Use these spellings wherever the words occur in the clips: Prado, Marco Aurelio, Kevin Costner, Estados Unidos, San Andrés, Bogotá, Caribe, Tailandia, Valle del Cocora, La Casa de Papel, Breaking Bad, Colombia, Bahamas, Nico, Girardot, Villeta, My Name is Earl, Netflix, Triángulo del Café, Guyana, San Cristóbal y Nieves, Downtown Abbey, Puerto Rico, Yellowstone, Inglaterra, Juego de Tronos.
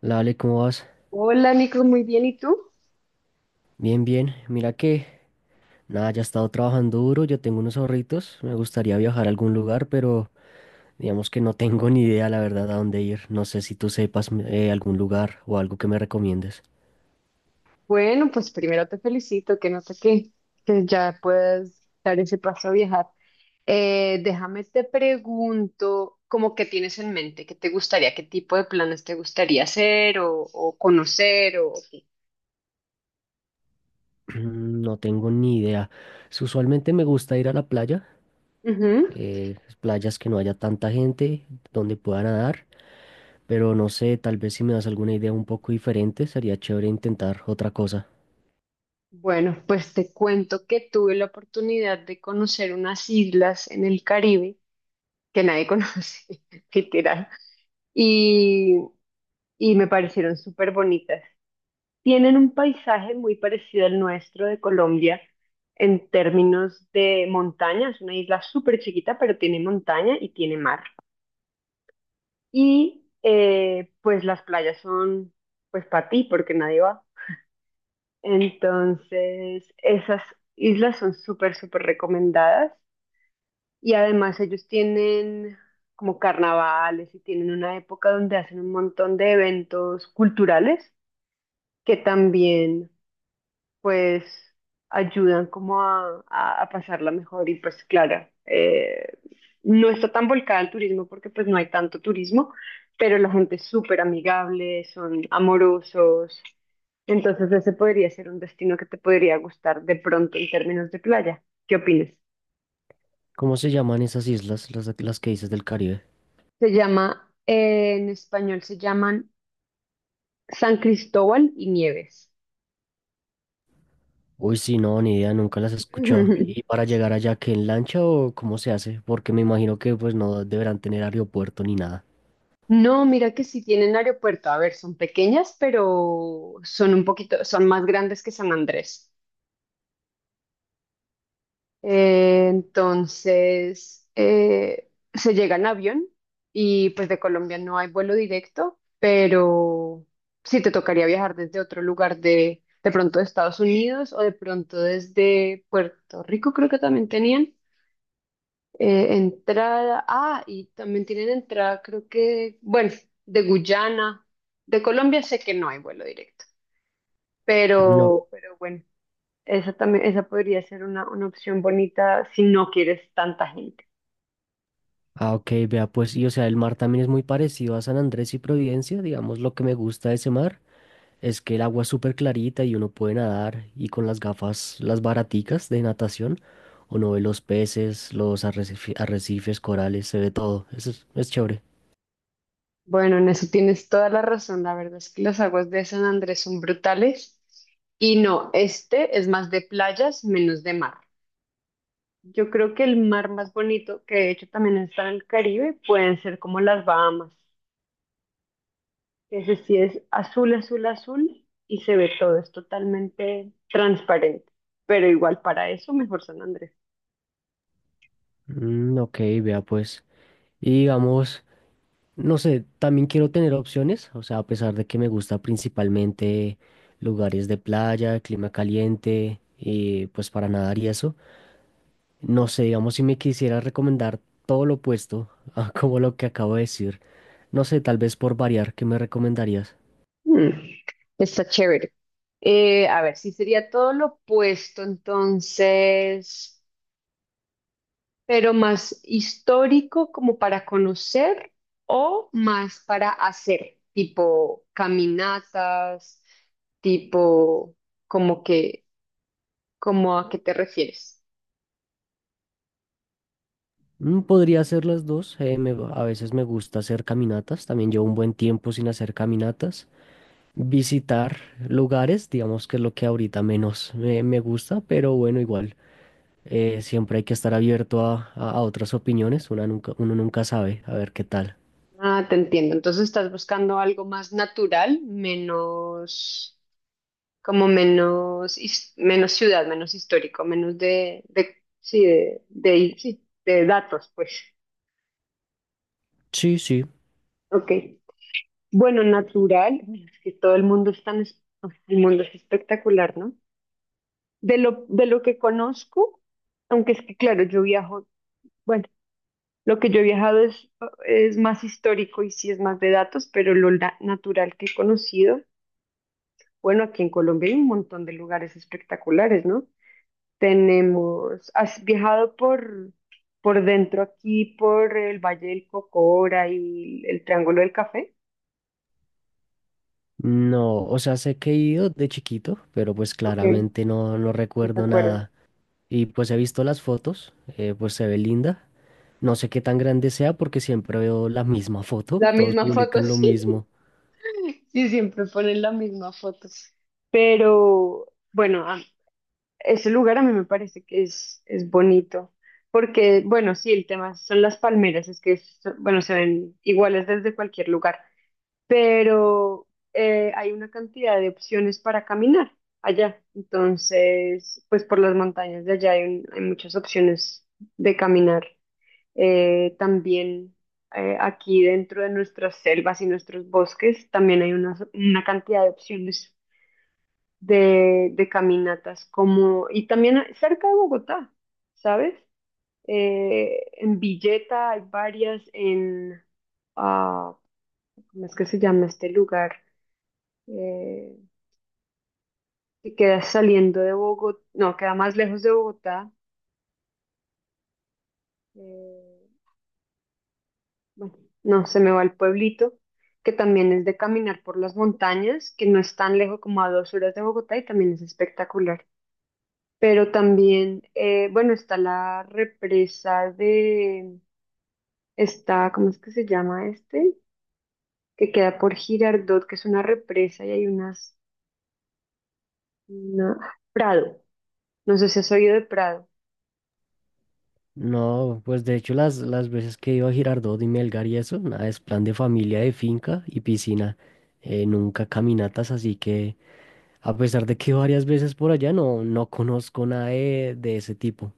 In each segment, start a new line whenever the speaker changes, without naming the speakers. La Ale, ¿cómo vas?
Hola Nico, muy bien. ¿Y tú?
Bien, bien. Mira que, nada, ya he estado trabajando duro, yo tengo unos ahorritos, me gustaría viajar a algún lugar, pero digamos que no tengo ni idea, la verdad, a dónde ir. No sé si tú sepas algún lugar o algo que me recomiendes.
Bueno, pues primero te felicito, que no sé qué, que ya puedas dar ese paso a viajar. Déjame te pregunto, ¿cómo que tienes en mente? ¿Qué te gustaría? ¿Qué tipo de planes te gustaría hacer o conocer o qué?
No tengo ni idea. Usualmente me gusta ir a la playa,
Ujú.
playas que no haya tanta gente, donde pueda nadar, pero no sé, tal vez si me das alguna idea un poco diferente, sería chévere intentar otra cosa.
Bueno, pues te cuento que tuve la oportunidad de conocer unas islas en el Caribe que nadie conoce, literal, y, y me parecieron súper bonitas. Tienen un paisaje muy parecido al nuestro de Colombia en términos de montaña. Es una isla súper chiquita, pero tiene montaña y tiene mar. Y pues las playas son pues para ti, porque nadie va. Entonces, esas islas son súper, súper recomendadas. Y además ellos tienen como carnavales y tienen una época donde hacen un montón de eventos culturales que también pues ayudan como a, a pasarla mejor y pues claro, no está tan volcada al turismo porque pues no hay tanto turismo, pero la gente es súper amigable, son amorosos, entonces ese podría ser un destino que te podría gustar de pronto en términos de playa. ¿Qué opinas?
¿Cómo se llaman esas islas, las que dices del Caribe?
Se llama, en español se llaman San Cristóbal y Nieves.
Uy, sí, no, ni idea, nunca las escuchó. ¿Y para llegar allá, qué en lancha o cómo se hace? Porque me imagino que pues no deberán tener aeropuerto ni nada.
No, mira que sí tienen aeropuerto. A ver, son pequeñas, pero son un poquito, son más grandes que San Andrés. Entonces, se llega en avión y pues de Colombia no hay vuelo directo, pero sí te tocaría viajar desde otro lugar de pronto de Estados Unidos o de pronto desde Puerto Rico, creo que también tenían. Entrada, ah, y también tienen entrada, creo que, bueno, de Guyana, de Colombia sé que no hay vuelo directo,
No.
pero bueno, esa también, esa podría ser una opción bonita si no quieres tanta gente.
Ah, ok, vea, pues, y o sea, el mar también es muy parecido a San Andrés y Providencia. Digamos, lo que me gusta de ese mar es que el agua es súper clarita y uno puede nadar y con las gafas, las baraticas de natación, uno ve los peces, arrecifes, corales, se ve todo. Eso es chévere.
Bueno, en eso tienes toda la razón, la verdad es que las aguas de San Andrés son brutales y no, este es más de playas, menos de mar. Yo creo que el mar más bonito, que de hecho también está en el Caribe, pueden ser como las Bahamas. Ese sí es azul, azul, azul y se ve todo, es totalmente transparente. Pero igual para eso, mejor San Andrés.
Mm, ok, vea, pues. Y digamos. No sé, también quiero tener opciones, o sea, a pesar de que me gusta principalmente lugares de playa, clima caliente, y pues para nadar y eso, no sé, digamos si me quisiera recomendar todo lo opuesto a como lo que acabo de decir, no sé, tal vez por variar, ¿qué me recomendarías?
Mm, está chévere. A ver, sí sería todo lo opuesto, entonces, pero más histórico como para conocer o más para hacer, tipo caminatas, tipo como que, como a qué te refieres.
Mm, podría hacer las dos, a veces me gusta hacer caminatas, también llevo un buen tiempo sin hacer caminatas, visitar lugares, digamos que es lo que ahorita menos me gusta, pero bueno, igual. Siempre hay que estar abierto a, a otras opiniones, una nunca, uno nunca sabe, a ver qué tal.
Ah, te entiendo. Entonces estás buscando algo más natural, menos, como menos, menos ciudad, menos histórico, menos sí, sí, de datos, pues.
Sí, sí.
Ok. Bueno, natural, bueno, es que todo el mundo es tan, pues, el mundo es espectacular, ¿no? De lo que conozco, aunque es que claro, yo viajo, bueno, lo que yo he viajado es más histórico y sí es más de datos, pero lo natural que he conocido. Bueno, aquí en Colombia hay un montón de lugares espectaculares, ¿no? Tenemos, ¿has viajado por dentro aquí, por el Valle del Cocora y el Triángulo del Café?
No, o sea, sé que he ido de chiquito, pero pues
Ok,
claramente no, no
no te
recuerdo
acuerdo.
nada. Y pues he visto las fotos, pues se ve linda. No sé qué tan grande sea porque siempre veo la misma foto,
La
todos
misma foto,
publican lo
sí,
mismo.
sí, siempre ponen la misma foto. Pero bueno, ese lugar a mí me parece que es bonito, porque bueno, sí, el tema son las palmeras, es que, bueno, se ven iguales desde cualquier lugar. Pero hay una cantidad de opciones para caminar allá. Entonces, pues por las montañas de allá hay, hay muchas opciones de caminar. También aquí dentro de nuestras selvas y nuestros bosques, también hay una cantidad de opciones de caminatas, como, y también cerca de Bogotá, ¿sabes? En Villeta hay varias, en, ah, ¿cómo es que se llama este lugar? eh, que queda saliendo de Bogotá, no, queda más lejos de Bogotá, eh, bueno, no, se me va el pueblito, que también es de caminar por las montañas, que no es tan lejos como a 2 horas de Bogotá y también es espectacular. Pero también, bueno, está la represa de, está, ¿cómo es que se llama este? Que queda por Girardot, que es una represa y hay unas, una, Prado, no sé si has oído de Prado.
No, pues de hecho las veces que he ido a Girardot y Melgar y eso, nada, es plan de familia, de finca y piscina. Nunca caminatas, así que... A pesar de que varias veces por allá no, no conozco nada de, de ese tipo.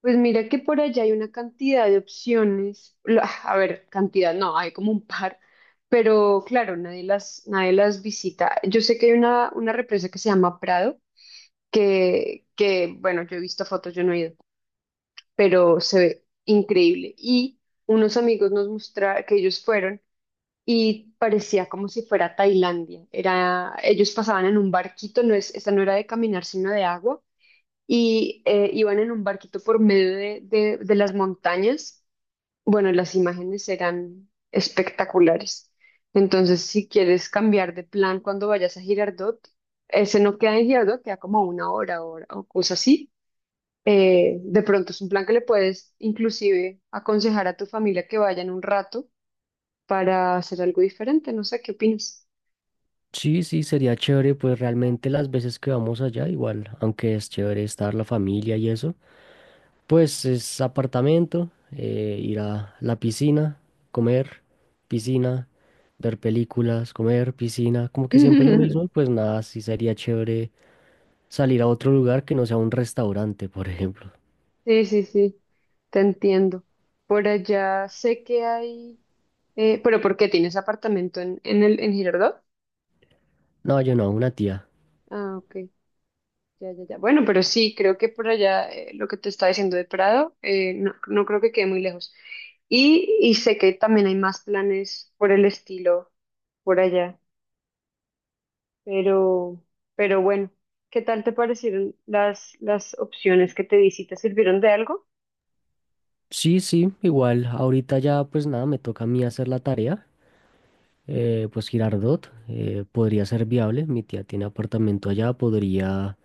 Pues mira que por allá hay una cantidad de opciones. A ver, cantidad no, hay como un par, pero claro, nadie las, nadie las visita. Yo sé que hay una represa que se llama Prado, bueno, yo he visto fotos, yo no he ido, pero se ve increíble. Y unos amigos nos mostraron que ellos fueron y parecía como si fuera Tailandia. Era, ellos pasaban en un barquito, no es, esta no era de caminar, sino de agua y iban en un barquito por medio de, de las montañas. Bueno, las imágenes eran espectaculares. Entonces, si quieres cambiar de plan cuando vayas a Girardot, ese no queda en Girardot, queda como a 1 hora, 1 hora o cosas así. De pronto es un plan que le puedes inclusive aconsejar a tu familia que vayan un rato para hacer algo diferente. No sé, ¿qué opinas?
Sí, sí, sería chévere, pues realmente las veces que vamos allá, igual, aunque es chévere estar la familia y eso, pues es apartamento, ir a la piscina, comer, piscina, ver películas, comer, piscina, como que siempre lo mismo, y pues nada, sí sería chévere salir a otro lugar que no sea un restaurante, por ejemplo.
Sí, sí, sí, te entiendo. Por allá sé que hay. Pero ¿por qué tienes apartamento en el en Girardot?
No, yo no, una tía.
Ah, ok. Ya, ya, ya. Bueno, pero sí, creo que por allá lo que te estaba diciendo de Prado, no, no creo que quede muy lejos. Y sé que también hay más planes por el estilo por allá, pero, pero bueno, ¿qué tal te parecieron las opciones que te di? ¿Sí te sirvieron de algo?
Sí, sí, igual, ahorita ya pues nada, me toca a mí hacer la tarea. Pues Girardot podría ser viable. Mi tía tiene apartamento allá, podría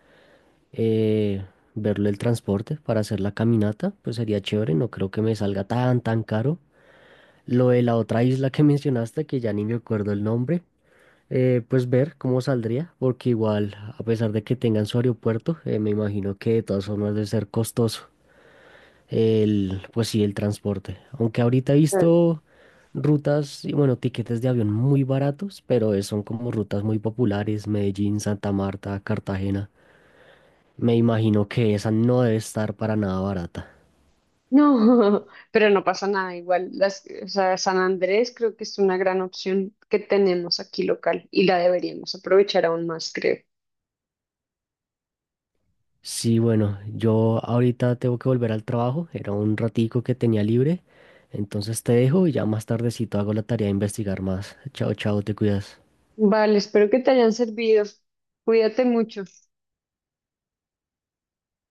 eh, verlo el transporte para hacer la caminata, pues sería chévere, no creo que me salga tan, tan caro. Lo de la otra isla que mencionaste, que ya ni me acuerdo el nombre, pues ver cómo saldría, porque igual, a pesar de que tengan su aeropuerto, me imagino que de todas formas debe ser costoso. El, pues sí, el transporte. Aunque ahorita he visto rutas y bueno, tiquetes de avión muy baratos, pero son como rutas muy populares, Medellín, Santa Marta, Cartagena. Me imagino que esa no debe estar para nada barata.
No, pero no pasa nada igual. Las, o sea, San Andrés creo que es una gran opción que tenemos aquí local y la deberíamos aprovechar aún más, creo.
Sí, bueno, yo ahorita tengo que volver al trabajo, era un ratico que tenía libre, entonces te dejo y ya más tardecito hago la tarea de investigar más. Chao, chao, te cuidas.
Vale, espero que te hayan servido. Cuídate mucho.